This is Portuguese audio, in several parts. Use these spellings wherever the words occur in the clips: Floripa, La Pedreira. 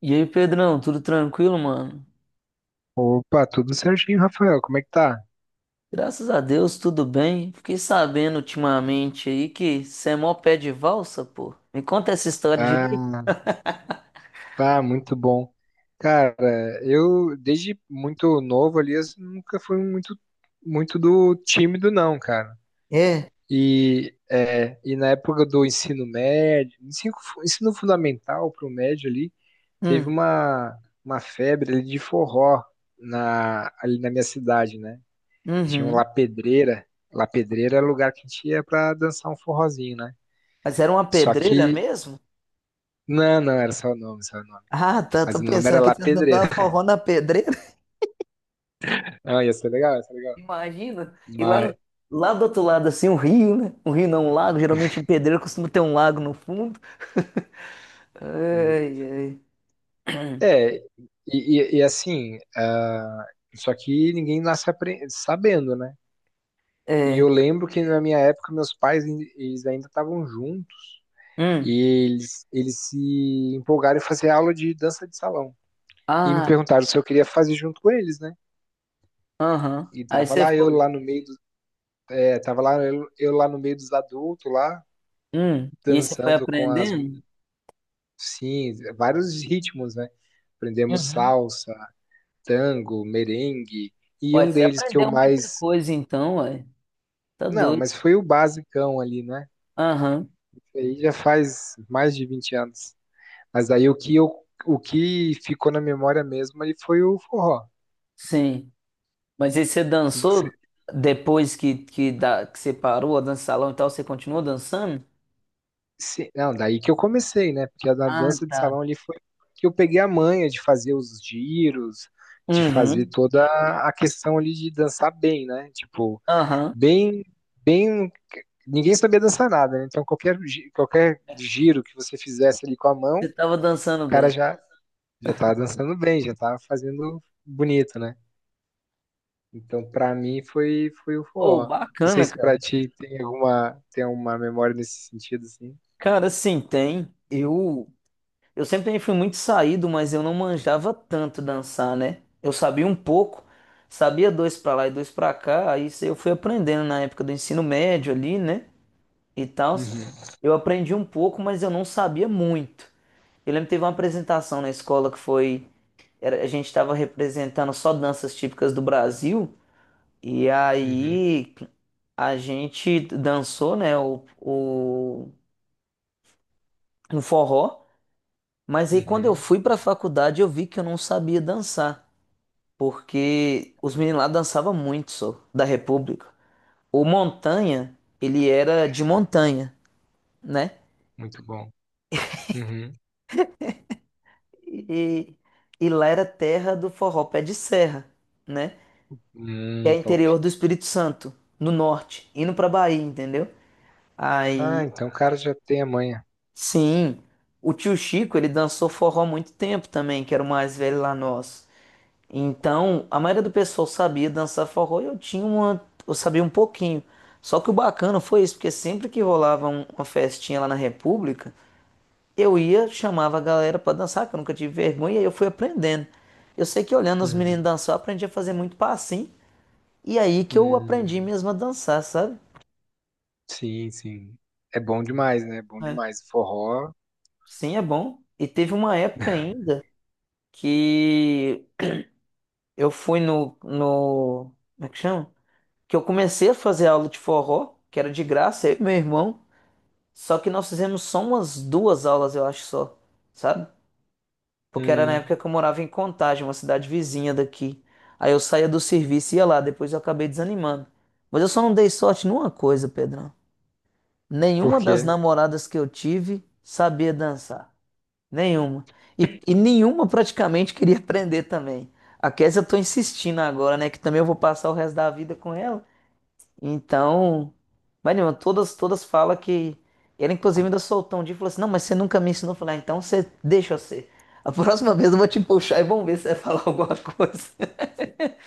E aí, Pedrão, tudo tranquilo, mano? Opa, tudo certinho, Rafael. Como é que tá? Graças a Deus, tudo bem. Fiquei sabendo ultimamente aí que você é mó pé de valsa, pô. Me conta essa história direito. Ah, tá muito bom. Cara, eu desde muito novo ali, eu nunca fui muito, muito do tímido, não, cara. E na época do ensino médio, ensino fundamental pro médio ali, teve Hum, uma febre ali de forró ali na minha cidade, né? Tinha um uhum. La Pedreira. La Pedreira era o lugar que a gente ia pra dançar um forrozinho, né? Mas era uma Só pedreira que mesmo? Não, não, era só o nome, só o nome. Ah, tá, tô Mas o nome pensando era que lá você não Pedreira. tava forró na pedreira. Não, ia ser legal, ia ser legal. Imagina. E lá, Mas, lá do outro lado, assim, um rio, né? Um rio não, um lago. Geralmente em pedreira costuma ter um lago no fundo. Ai, ai. é, e assim, só que ninguém nasce sabendo, né? E É. eu lembro que na minha época meus pais eles ainda estavam juntos e Hum. eles se empolgaram em fazer aula de dança de salão. E me Ah, perguntaram se eu queria fazer junto com eles, né? aham. E Aí tava você lá eu foi. lá no meio, do, Tava lá eu lá no meio dos adultos lá, E aí você foi dançando. Com as aprendendo? Sim, vários ritmos, né? Aprendemos Uhum. salsa, tango, merengue, e Ué, um você deles que eu aprendeu muita mais. coisa então, ué. Tá Não, doido. mas foi o basicão ali, né? Aham, Aí já faz mais de 20 anos. Mas aí o que ficou na memória mesmo ali foi o forró. sim. Mas aí você E você... dançou depois que você parou a dança salão e tal, você continuou dançando? Sim, não, daí que eu comecei, né? Porque na Ah, dança de tá. salão ali foi que eu peguei a manha de fazer os giros, de fazer Uhum, toda a questão ali de dançar bem, né? Tipo, aham. bem bem ninguém sabia dançar nada, né? Então qualquer giro que você fizesse ali com a mão, o Você tava dançando cara bem. já tava dançando bem, já tava fazendo bonito, né? Então pra mim foi o Ô, forró. Não sei bacana, se cara. pra ti tem alguma tem uma memória nesse sentido assim. Cara, sim, tem. Eu. Eu sempre também fui muito saído, mas eu não manjava tanto dançar, né? Eu sabia um pouco, sabia dois pra lá e dois pra cá, aí isso eu fui aprendendo na época do ensino médio ali, né? E tal. Uhum, Eu aprendi um pouco, mas eu não sabia muito. Eu lembro que teve uma apresentação na escola que foi, a gente estava representando só danças típicas do Brasil, e uhum, aí a gente dançou, né, um forró. Mas aí quando eu uhum. fui para a faculdade eu vi que eu não sabia dançar, porque os meninos lá dançavam muito, só, da República. O Montanha, ele era de montanha, né? Muito bom. Uhum. E, e lá era terra do forró pé de serra, né? Que é Top. interior do Espírito Santo, no norte, indo pra Bahia, entendeu? Ah, Aí, então o cara já tem a manha. sim, o tio Chico, ele dançou forró há muito tempo também, que era o mais velho lá nosso. Então, a maioria do pessoal sabia dançar forró e eu tinha uma, eu sabia um pouquinho. Só que o bacana foi isso, porque sempre que rolava uma festinha lá na República, eu ia, chamava a galera pra dançar, que eu nunca tive vergonha, e aí eu fui aprendendo. Eu sei que olhando os meninos Uhum. dançar, eu aprendi a fazer muito passinho, e aí que eu aprendi Hum, mesmo a dançar, sabe? sim, sim. É bom demais, né? É bom É. demais. Forró. Sim, é bom. E teve uma época ainda que eu fui no, no, como é que chama? Que eu comecei a fazer aula de forró, que era de graça, eu e meu irmão. Só que nós fizemos só umas duas aulas, eu acho só, sabe? Porque era na Hum, época que eu morava em Contagem, uma cidade vizinha daqui. Aí eu saía do serviço e ia lá, depois eu acabei desanimando. Mas eu só não dei sorte numa coisa, Pedrão. por Nenhuma das quê? namoradas que eu tive sabia dançar. Nenhuma. E nenhuma praticamente queria aprender também. A Kézia eu tô insistindo agora, né? Que também eu vou passar o resto da vida com ela. Então, Marina, todas falam que. Ela, inclusive, ainda soltou um dia e falou assim: "Não, mas você nunca me ensinou a falar, então você deixa eu ser. A próxima vez eu vou te puxar e vamos ver se você vai falar alguma coisa."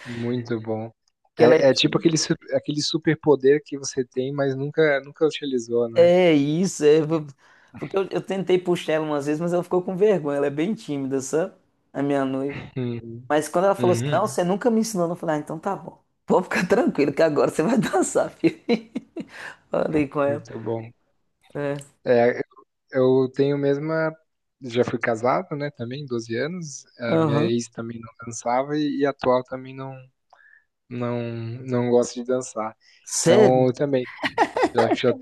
Muito bom. Que ela é É, é tipo tímida. aquele, aquele superpoder que você tem, mas nunca, nunca utilizou, né? É isso, é. Porque eu tentei puxar ela umas vezes, mas ela ficou com vergonha. Ela é bem tímida, sabe? A minha noiva. Uhum. Mas quando ela falou assim: "Não, Uhum. você nunca me ensinou", eu falei: "Ah, então tá bom. Pode ficar tranquilo que agora você vai dançar, filho." Falei com ela. Muito bom. É. É, eu tenho mesma. Já fui casado, né? Também, 12 anos. A minha Aham. ex também não dançava e a atual também não, não, não gosta de dançar. Então, Sério? eu também. Já, já,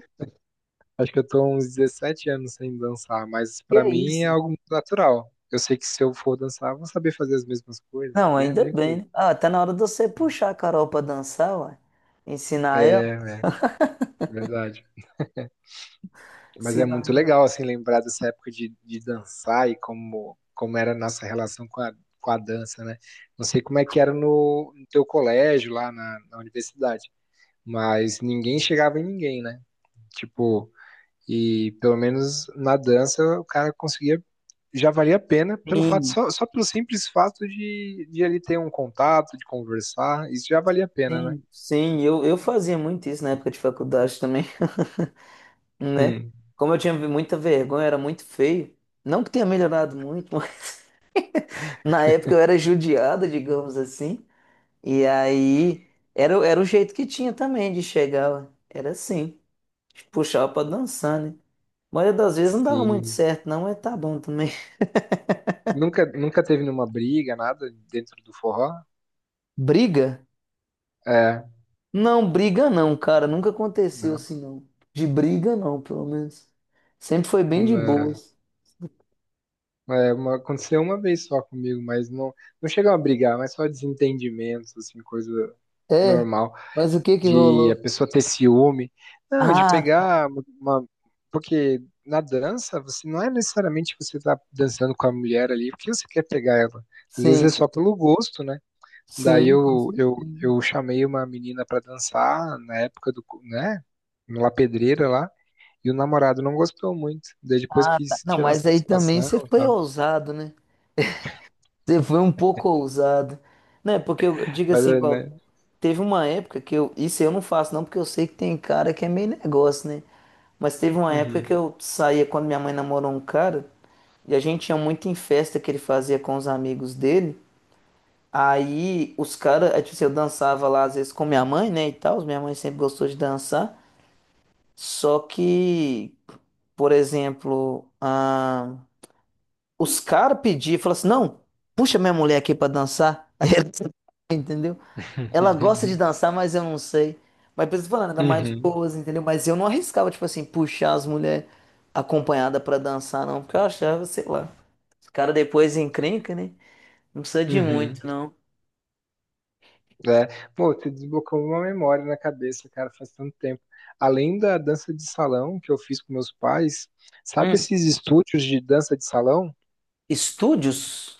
acho que eu tô uns 17 anos sem dançar, mas Que pra é mim é isso? algo muito natural. Eu sei que se eu for dançar, eu vou saber fazer as mesmas coisas, Não, porque é ainda bem, muito. né? Ah, tá na hora de você puxar a Carol pra dançar, ué. Ensinar ela. É, verdade. Mas Se é lá. muito legal, assim, lembrar dessa época de, dançar e como era a nossa relação com a dança, né? Não sei como é que era no teu colégio, lá na universidade, mas ninguém chegava em ninguém, né? Tipo, e pelo menos na dança o cara conseguia, já valia a pena pelo fato, Sim, só pelo simples fato de ele ter um contato, de conversar, isso já valia a pena, né? sim, sim. Eu fazia muito isso na época de faculdade também, né? Hum, Como eu tinha muita vergonha, era muito feio. Não que tenha melhorado muito, mas na época eu era judiado, digamos assim. E aí era, era o jeito que tinha também de chegar, ué. Era assim. Puxava pra dançar, né? A maioria das vezes não dava muito sim. certo, não, mas tá bom também. Nunca teve nenhuma briga, nada dentro do forró? Briga? É, Não, briga não, cara. Nunca aconteceu não, assim, não. De briga não, pelo menos. Sempre foi bem de não. boas. É, aconteceu uma vez só comigo, mas não, não chegam a brigar, mas só desentendimentos, assim, coisa É, normal, mas o que que de a rolou? pessoa ter ciúme. Não, de Ah, tá. pegar uma. Porque na dança, você não é necessariamente que você tá dançando com a mulher ali, porque você quer pegar ela. Às vezes é Sim, só pelo gosto, né? Daí sim, com eu, certeza. eu, eu chamei uma menina pra dançar na época né? Na pedreira lá. E o namorado não gostou muito. Daí depois Ah, tá. quis Não, tirar mas aí também satisfação você e foi tal. ousado, né? Você foi um pouco ousado. Né? Porque eu digo Mas, assim, igual, né? teve uma época que eu. Isso eu não faço, não, porque eu sei que tem cara que é meio negócio, né? Mas teve uma época que Uhum. eu saía quando minha mãe namorou um cara, e a gente ia muito em festa que ele fazia com os amigos dele. Aí os caras, é, tipo assim, eu dançava lá às vezes com minha mãe, né, e tal, minha mãe sempre gostou de dançar, só que, por exemplo, ah, os caras pediam, falaram assim, não, puxa minha mulher aqui pra dançar, aí ela, entendeu? Ela gosta de dançar, mas eu não sei. Mas por isso que eu tô falando, era mais de Uhum. boas, entendeu? Mas eu não arriscava, tipo assim, puxar as mulheres acompanhadas pra dançar, não, porque eu achava, sei lá, os caras depois encrenca, né, não precisa de Uhum. muito, não. É. Pô, você desbloqueou uma memória na cabeça, cara, faz tanto tempo. Além da dança de salão que eu fiz com meus pais, sabe Hum. esses estúdios de dança de salão? Estúdios?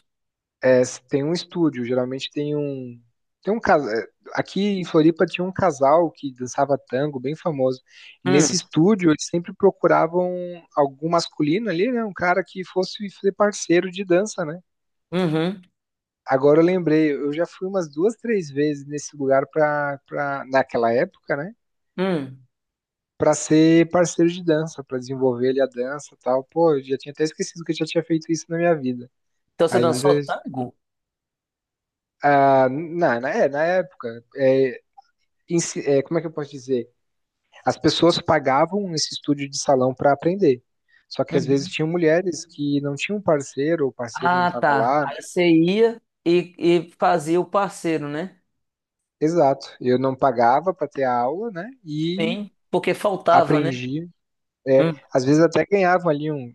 É, tem um estúdio, geralmente tem um. Tem um casal. Aqui em Floripa tinha um casal que dançava tango, bem famoso. E nesse Hum, estúdio, eles sempre procuravam algum masculino ali, né? Um cara que fosse ser parceiro de dança, né? uhum, Agora eu lembrei, eu já fui umas duas, três vezes nesse lugar pra, naquela época, né? hum. Pra ser parceiro de dança, pra desenvolver ali a dança e tal. Pô, eu já tinha até esquecido que eu já tinha feito isso na minha vida. Então você dançou Ainda tango? Na época. É, como é que eu posso dizer? As pessoas pagavam esse estúdio de salão para aprender. Só que às vezes Uhum. tinham mulheres que não tinham parceiro, ou o parceiro não Ah, estava tá. lá, né? Aí você ia e, e fazia o parceiro, né? Exato. Eu não pagava para ter a aula, né? E Sim, porque faltava, né? aprendi. É, Hum. às vezes até ganhavam ali um,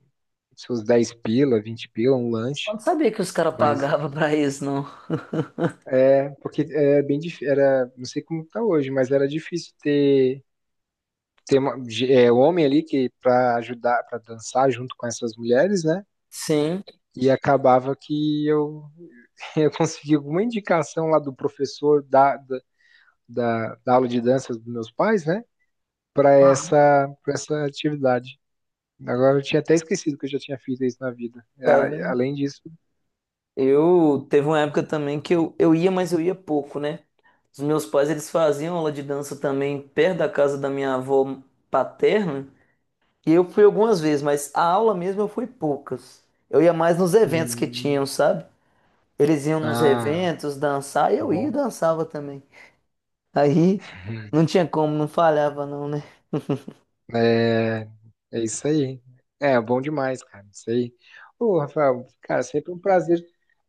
seus 10 pila, 20 pila, um Eu lanche. não sabia que os caras Mas pagavam pra isso, não. é, porque é bem difícil, era, não sei como tá hoje, mas era difícil ter, homem ali que para ajudar, para dançar junto com essas mulheres, né? Sim. E acabava que eu, eu consegui alguma indicação lá do professor da, da aula de dança dos meus pais, né? Para Ah. essa, para essa atividade. Agora eu tinha até esquecido que eu já tinha feito isso na vida. Tá vendo? Além disso. Eu teve uma época também que eu ia, mas eu ia pouco, né? Os meus pais, eles faziam aula de dança também perto da casa da minha avó paterna. E eu fui algumas vezes, mas a aula mesmo eu fui poucas. Eu ia mais nos eventos que Hum, tinham, sabe? Eles iam nos ah, eventos dançar, e eu ia e bom. dançava também. Aí não tinha como, não falhava não, né? É, é isso aí. É, bom demais, cara. Isso aí. Ô, Rafael, cara, sempre um prazer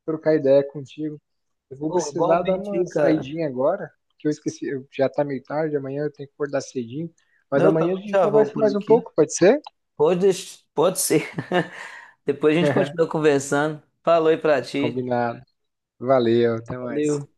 trocar ideia contigo. Eu vou Pô, precisar dar igualmente aí, uma cara. saidinha agora, porque eu esqueci, já tá meio tarde, amanhã eu tenho que acordar cedinho. Mas Eu amanhã a também gente já vou conversa por mais um aqui. pouco, pode ser? Pode, pode ser. Depois a gente continua conversando. Falou aí pra ti. Combinado. Valeu, até mais. Valeu.